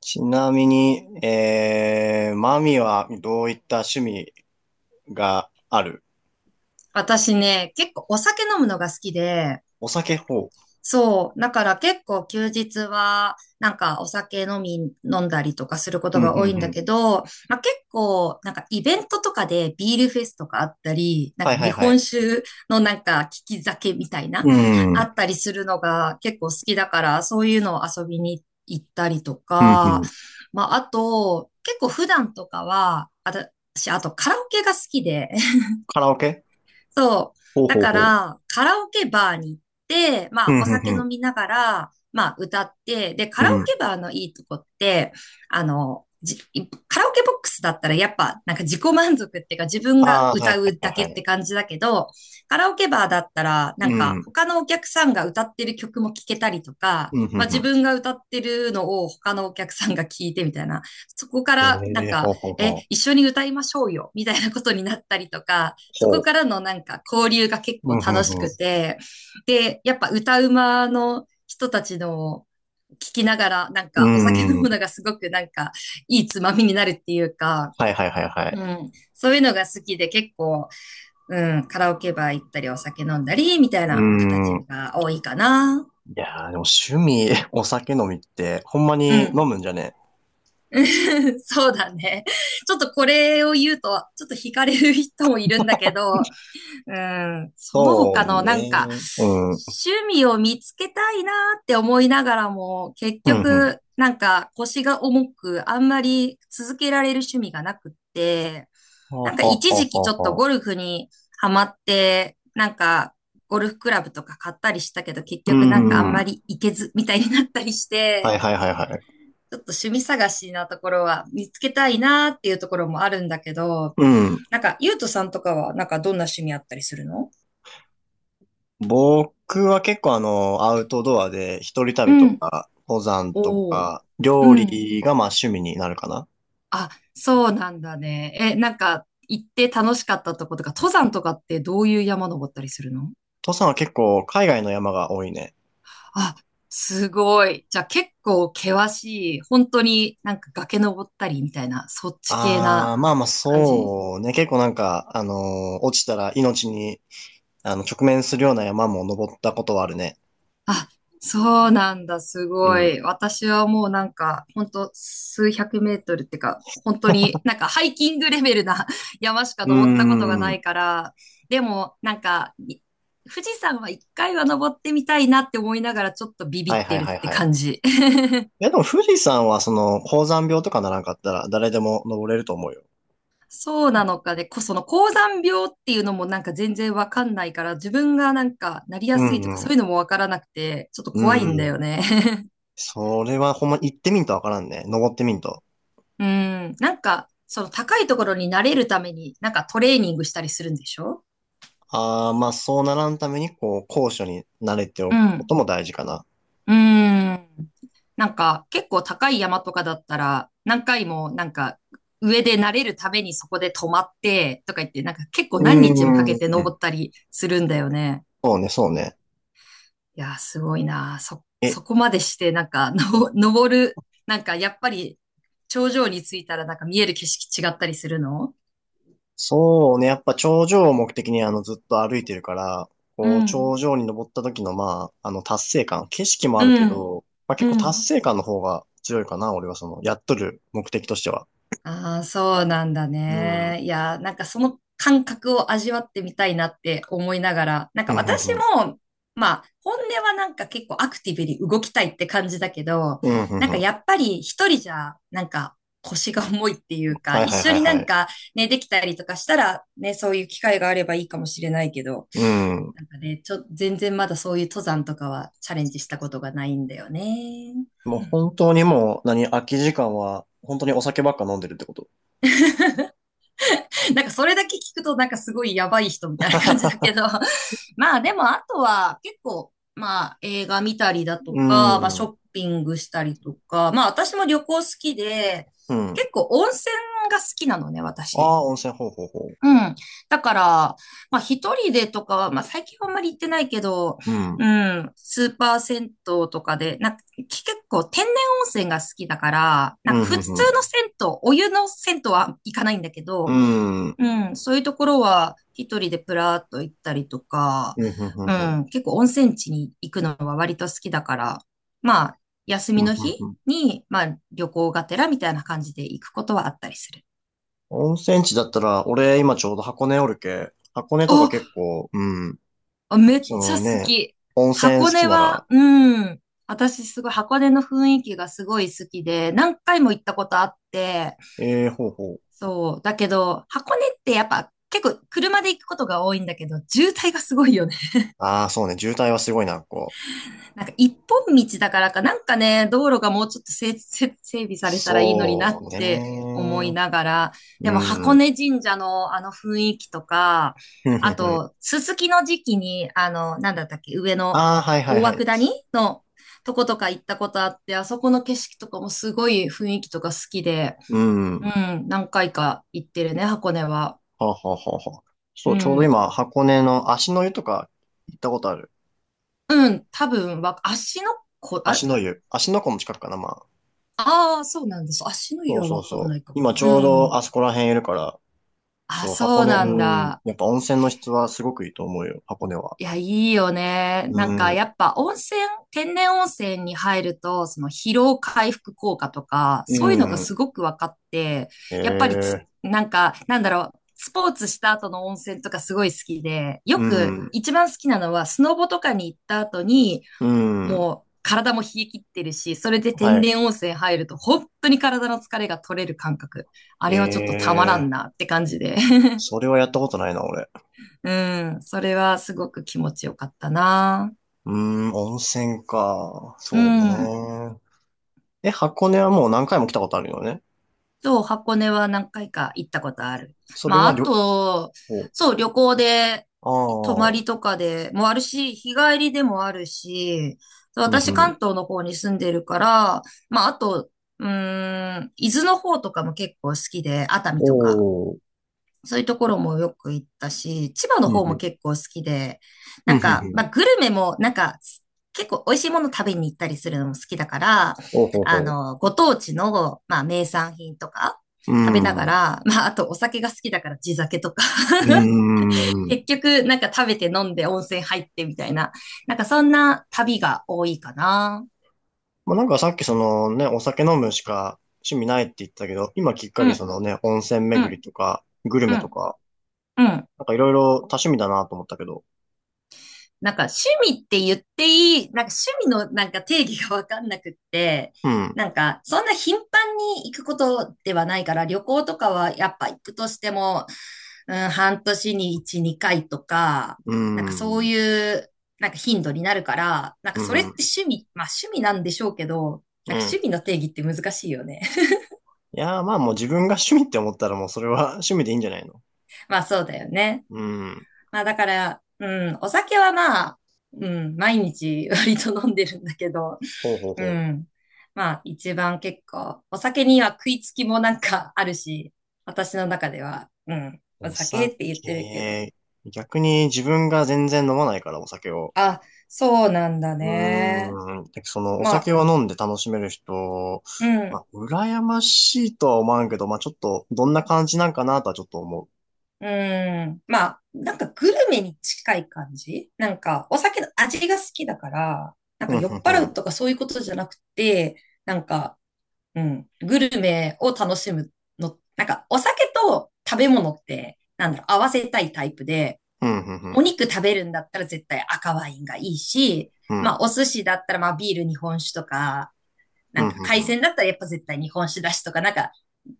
ちなみに、マミはどういった趣味がある？私ね、結構お酒飲むのが好きで、お酒ほそう。だから結構休日は、なんかお酒飲んだりとかするこう。とうん、うが多ん、いんだうん。けど、まあ、結構、なんかイベントとかでビールフェスとかあったり、なんはいかは日いは本い。酒のなんか利き酒みたいな、うん、うあん、ったりするのが結構好きだから、そういうのを遊びに行ったりとうか、ん。まあ、あと、結構普段とかは、私、あとカラオケが好きで、カラオケ？そう。ほうだほうかほら、カラオケバーに行って、まう。うあ、お酒ん、う飲ん、みながら、まあ、歌って、で、カうラん。オうケん。バーのいいとこって、あの、じカラオケボックスだったらやっぱなんか自己満足っていうか自分がああ、は歌いうはいだけはいっはてい。感じだけど、カラオケバーだったらうなん、んうかん、他のお客さんが歌ってる曲も聴けたりとか、うん、うまあ自ん。分が歌ってるのを他のお客さんが聞いてみたいな、そこかえらなんー、ほか、うほうほう。一緒に歌いましょうよみたいなことになったりとか、そほこう。からのなんか交流が結う構ん、う楽しん、うくん。て、で、やっぱ歌うまの人たちの聞きながら、なんうかお酒飲むん、のがすごくなんかいいつまみになるっていうか、はいはいはいはい。うん、そういうのが好きで結構、うん、カラオケバー行ったりお酒飲んだりみたいうな形ん。が多いかな。いやー、でも趣味、お酒飲みって、ほんまうにん。飲むんじゃね？ そうだね。ちょっとこれを言うと、ちょっと惹かれる人もいるんだけど、うん、そのそう他のなんね。か、うん。うん、趣味を見つけたいなーって思いながらも、結うん、局、なんか腰が重く、あんまり続けられる趣味がなくって、はあなんはかあはあ一は時あ期ちょっとはあ。ゴルフにハマって、なんかゴルフクラブとか買ったりしたけど、結う局なんかあんん。まはり行けずみたいになったりしいはて、いはいはい。ちょっと趣味探しなところは見つけたいなーっていうところもあるんだけど、うん。なんか、ゆうとさんとかは、なんかどんな趣味あったりするの？僕は結構あの、アウトドアで一人う旅とん、か、登山とおー。か、う料ん。理がまあ趣味になるかな。あ、そうなんだね。え、なんか、行って楽しかったとことか、登山とかってどういう山登ったりするの？登山は結構海外の山が多いね。あ、すごい。じゃあ結構険しい、本当になんか崖登ったりみたいな、そっち系ああ、なまあまあ感じ？そうね。結構なんか、落ちたら命に、あの、直面するような山も登ったことはあるね。あ、そうなんだ、すうごん。い。私はもうなんか、ほんと数百メートルってか、本当になんかハイキングレベルな 山しかうー登ったことがないん。から、でもなんか、富士山は一回は登ってみたいなって思いながらちょっとビビはっいはているっはいてはい。感じ。いやでも富士山はその、高山病とかならんかったら誰でも登れると思うよ。そうなのかね、その高山病っていうのもなんか全然わかんないから、自分がなんかなりやうすいとかんうそうん。いうのもわからなくて、ちょっと怖いんだうん。よね。それはほんま行ってみんとわからんね。登ってみんと。うん。なんか、その高いところに慣れるために、なんかトレーニングしたりするんでしょ？ああ、まあそうならんために、こう、高所に慣れてうおくこん。とも大事かな。うん。なんか、結構高い山とかだったら、何回も、なんか、上で慣れるためにそこで止まって、とか言って、なんか結構何日うもかけてー登ん。ったりするんだよね。そうね、そうね。いやー、すごいなー。え、そこまでして、なんか、登る、なんか、やっぱり、頂上に着いたら、なんか見える景色違ったりするの？そうね。やっぱ頂上を目的にあのずっと歩いてるから、うこう、ん。頂上に登った時のまあ、あの達成感、景色もあうるけん。ど、まあ結構う達ん。成感の方が強いかな。俺はその、やっとる目的としては。ああ、そうなんだうん。うん、ね。いや、なんかその感覚を味わってみたいなって思いながら、なんうかん、私うん。も、まあ、本音はなんか結構アクティブに動きたいって感じだけど、うん、うなん、んうかん。やっぱり一人じゃ、なんか腰が重いっていうか、はい一はい緒はいになはんい。かね、できたりとかしたら、ね、そういう機会があればいいかもしれないけど、うん。なんかね、全然まだそういう登山とかはチャレンジしたことがないんだよね。もう本当にもう、何、空き時間は、本当にお酒ばっか飲んでるってこと？なんかそれだけ聞くとなんかすごいやばい人みたいな感じだけ ど、まあでもあとは結構、まあ映画見たりだとうか、まあショん。ッピングしたりとか、まあ私も旅行好きで、うん。結構温泉が好きなのね、あ私。あ、温泉、ほうほうほうん。だから、まあ一人でとかは、まあ最近はあんまり行ってないけど、う。ううん。ん、スーパー銭湯とかで、なんか結構天然温泉が好きだから、なうんん、か普通うのん、銭湯、お湯の銭湯は行かないんだけうん。うど、ん。うん、うん、そういうところは一人でプラーっと行ったりとか、うん、ううん、うん。ん、結構温泉地に行くのは割と好きだから、まあ、休みうんうの日んうん。に、まあ、旅行がてらみたいな感じで行くことはあったりする。温泉地だったら、俺今ちょうど箱根おるけ、箱根とかお、結構、うん。あめっそちゃの好ね、き。温泉好箱き根なは、ら、うん、私すごい箱根の雰囲気がすごい好きで、何回も行ったことあって、ええほうほう。そう、だけど、箱根ってやっぱ結構車で行くことが多いんだけど、渋滞がすごいよね。ああ、そうね、渋滞はすごいな、こう。なんか一本道だからか、なんかね、道路がもうちょっと整備されたらいいのになそっうて思いね。ながら、うでも箱ん。根神社のあの雰囲気とか、ふんふあんふん。と、すすきの時期に、あの、なんだったっけ、上のああ、はいはい大は涌い。谷のとことか行ったことあって、あそこの景色とかもすごい雰囲気とか好きで、ううん。ん、何回か行ってるね、箱根は。はあはあはあはあ。そうう、ちょうどん、今、箱根の足の湯とか行ったことある？うん、多分わ、足のこ、あ足れ、の湯。足の湖も近くかな、まあ。ああ、そうなんです。足のそ湯うはそうわかんなそう。いかも今な。ちうょうどん。あそこら辺いるから、あ、そう、そ箱う根、なんうん。だ。やっぱ温泉の質はすごくいいと思うよ、箱根は。いや、いいよね。なうんか、ん。やっぱ温泉、天然温泉に入ると、その疲労回復効果とか、うそういうのがん。すごく分かって、やっぱりええ、なんか、なんだろう、スポーツした後の温泉とかすごい好きで、ようくん。一番好きなのは、スノボとかに行った後に、うん。もう体も冷え切ってるし、それでは天い。然温泉入ると、本当に体の疲れが取れる感覚。あれはちょっとたまらんええ、なって感じで。それはやったことないな、俺。うん、それはすごく気持ちよかったな。うん、温泉か。うそうん。ね。え、箱根はもう何回も来たことあるよね？そう、箱根は何回か行ったことある。それまあ、はあ旅と、行。そう、旅行で、あ泊まあ。りとかでもあるし、日帰りでもあるし、うん私う関ん。東の方に住んでるから、まあ、あと、伊豆の方とかも結構好きで、熱海とか。おー、そういうところもよく行ったし、千葉のうん方うもん。結構好きで、うなんうんんか、うん。まあ、グルメも、なんか、結構美味しいもの食べに行ったりするのも好きだから、おうほうあほの、ご当地の、まあ、名産品とかう。う食べながん。うら、まあ、あとお酒が好きだから地酒とか、ーん。結局、なんか食べて飲んで温泉入ってみたいな、なんかそんな旅が多いかな。まあ、なんかさっきそのね、お酒飲むしか趣味ないって言ったけど、今きっかうけそん、のね、温泉う巡ん、りとか、グルうメとん、か、うん。なんかいろいろ多趣味だなと思ったけど。なんか趣味って言っていい、なんか趣味のなんか定義がわかんなくって、うん。なんかそんな頻繁に行くことではないから、旅行とかはやっぱ行くとしても、うん、半年に1、2回とか、うなんかそうん。いうなんか頻度になるから、なんうかそれってん。趣味、まあ趣味なんでしょうけど、なうんか趣ん。味の定義って難しいよね。いやーまあもう自分が趣味って思ったらもうそれは 趣味でいいんじゃないの？ まあそうだよね。うん。まあだから、うん、お酒はまあ、うん、毎日 割と飲んでるんだけど、ほうほううほう。ん。まあ一番結構、お酒には食いつきもなんかあるし、私の中では、うん、おお酒って言ってるけど。酒。逆に自分が全然飲まないから、お酒を。あ、そうなんだね。うーん。でその、おま酒あ、を飲んで楽しめる人、うまん、あ、羨ましいとは思わんけど、まあ、ちょっと、どんな感じなんかなとはちょっと思うん。まあ、なんかグルメに近い感じなんか、お酒の味が好きだから、なんう。うかん、酔ふんっふ払うん。とかそういうことじゃなくて、なんか、うん、グルメを楽しむの、なんかお酒と食べ物って、なんだろう、合わせたいタイプで、うん、ふんふおん。肉食べるんだったら絶対赤ワインがいいし、うまあん、お寿司だったらまあビール日本酒とか、なうんん、かふんふ海鮮ん。だったらやっぱ絶対日本酒だしとか、なんか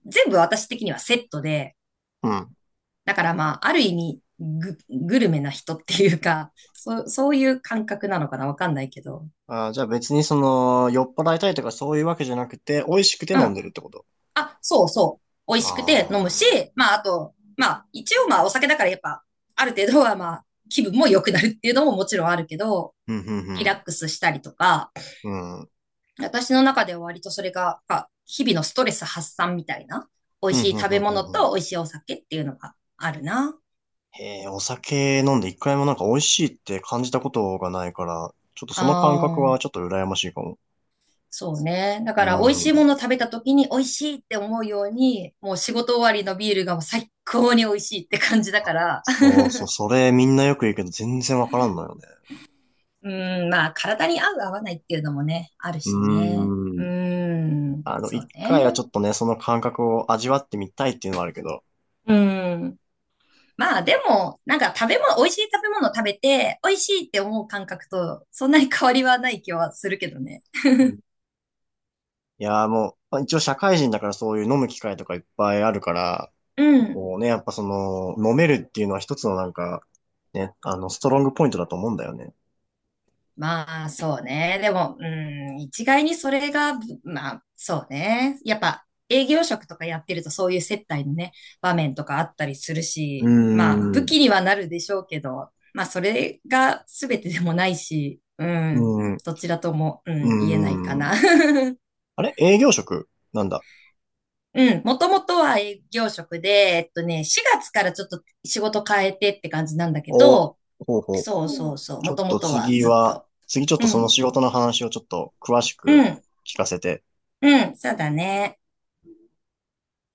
全部私的にはセットで、うん。だからまあある意味グルメな人っていうか、そう、そういう感覚なのかなわかんないけど。あー、じゃあ別にその、酔っ払いたいとかそういうわけじゃなくて、美味しくてうん、飲んでるってこと？あ、そうそう。美味あしくて飲むし、あ。まあ、あと、まあ、一応まあ、お酒だからやっぱ、ある程度はまあ、気分も良くなるっていうのももちろんあるけど、うん、ふんふリラッん。クスしたりとか、うん。うん、私の中では割とそれが、まあ日々のストレス発散みたいな、美味ふんしふいん食ふべんふ物ん。と美味しいお酒っていうのがあるな。へえ、お酒飲んで一回もなんか美味しいって感じたことがないから、ちょっとあその感覚はー、ちょっと羨ましいかも。そうね。だから美味しいう、もの食べた時に美味しいって思うように、もう仕事終わりのビールがもう最高に美味しいって感じだから、そうそう、それみんなよく言うけど全然わからんのよね。うん、まあ、体に合う合わないっていうのもね、あるうしね。ーうん。ん、あの、そ一う回はちね。ょっとね、その感覚を味わってみたいっていうのはあるけど。うん。まあ、でも、なんか食べ物、美味しい食べ物を食べて、美味しいって思う感覚と、そんなに変わりはない気はするけどね。うん、いやーもう、まあ一応社会人だからそういう飲む機会とかいっぱいあるから、うん。こうね、やっぱその、飲めるっていうのは一つのなんか、ね、あの、ストロングポイントだと思うんだよね。まあ、そうね。でも、うん、一概にそれが、まあ、そうね。やっぱ、営業職とかやってるとそういう接待のね、場面とかあったりするうーし、まあ、武器ん。にはなるでしょうけど、まあ、それが全てでもないし、うん、うーん。うどちらとも、うん、言えないかーな。ん。あれ営業職なんだ。うん、もともとは営業職で、4月からちょっと仕事変えてって感じなんだけお、ど、ほうほそうう。うん、そうそう、ちもょとっもととは次ずっは、と。次ちょっうとそのん、仕事の話をちょっと詳しうくん、聞かせて。うん、そうだね。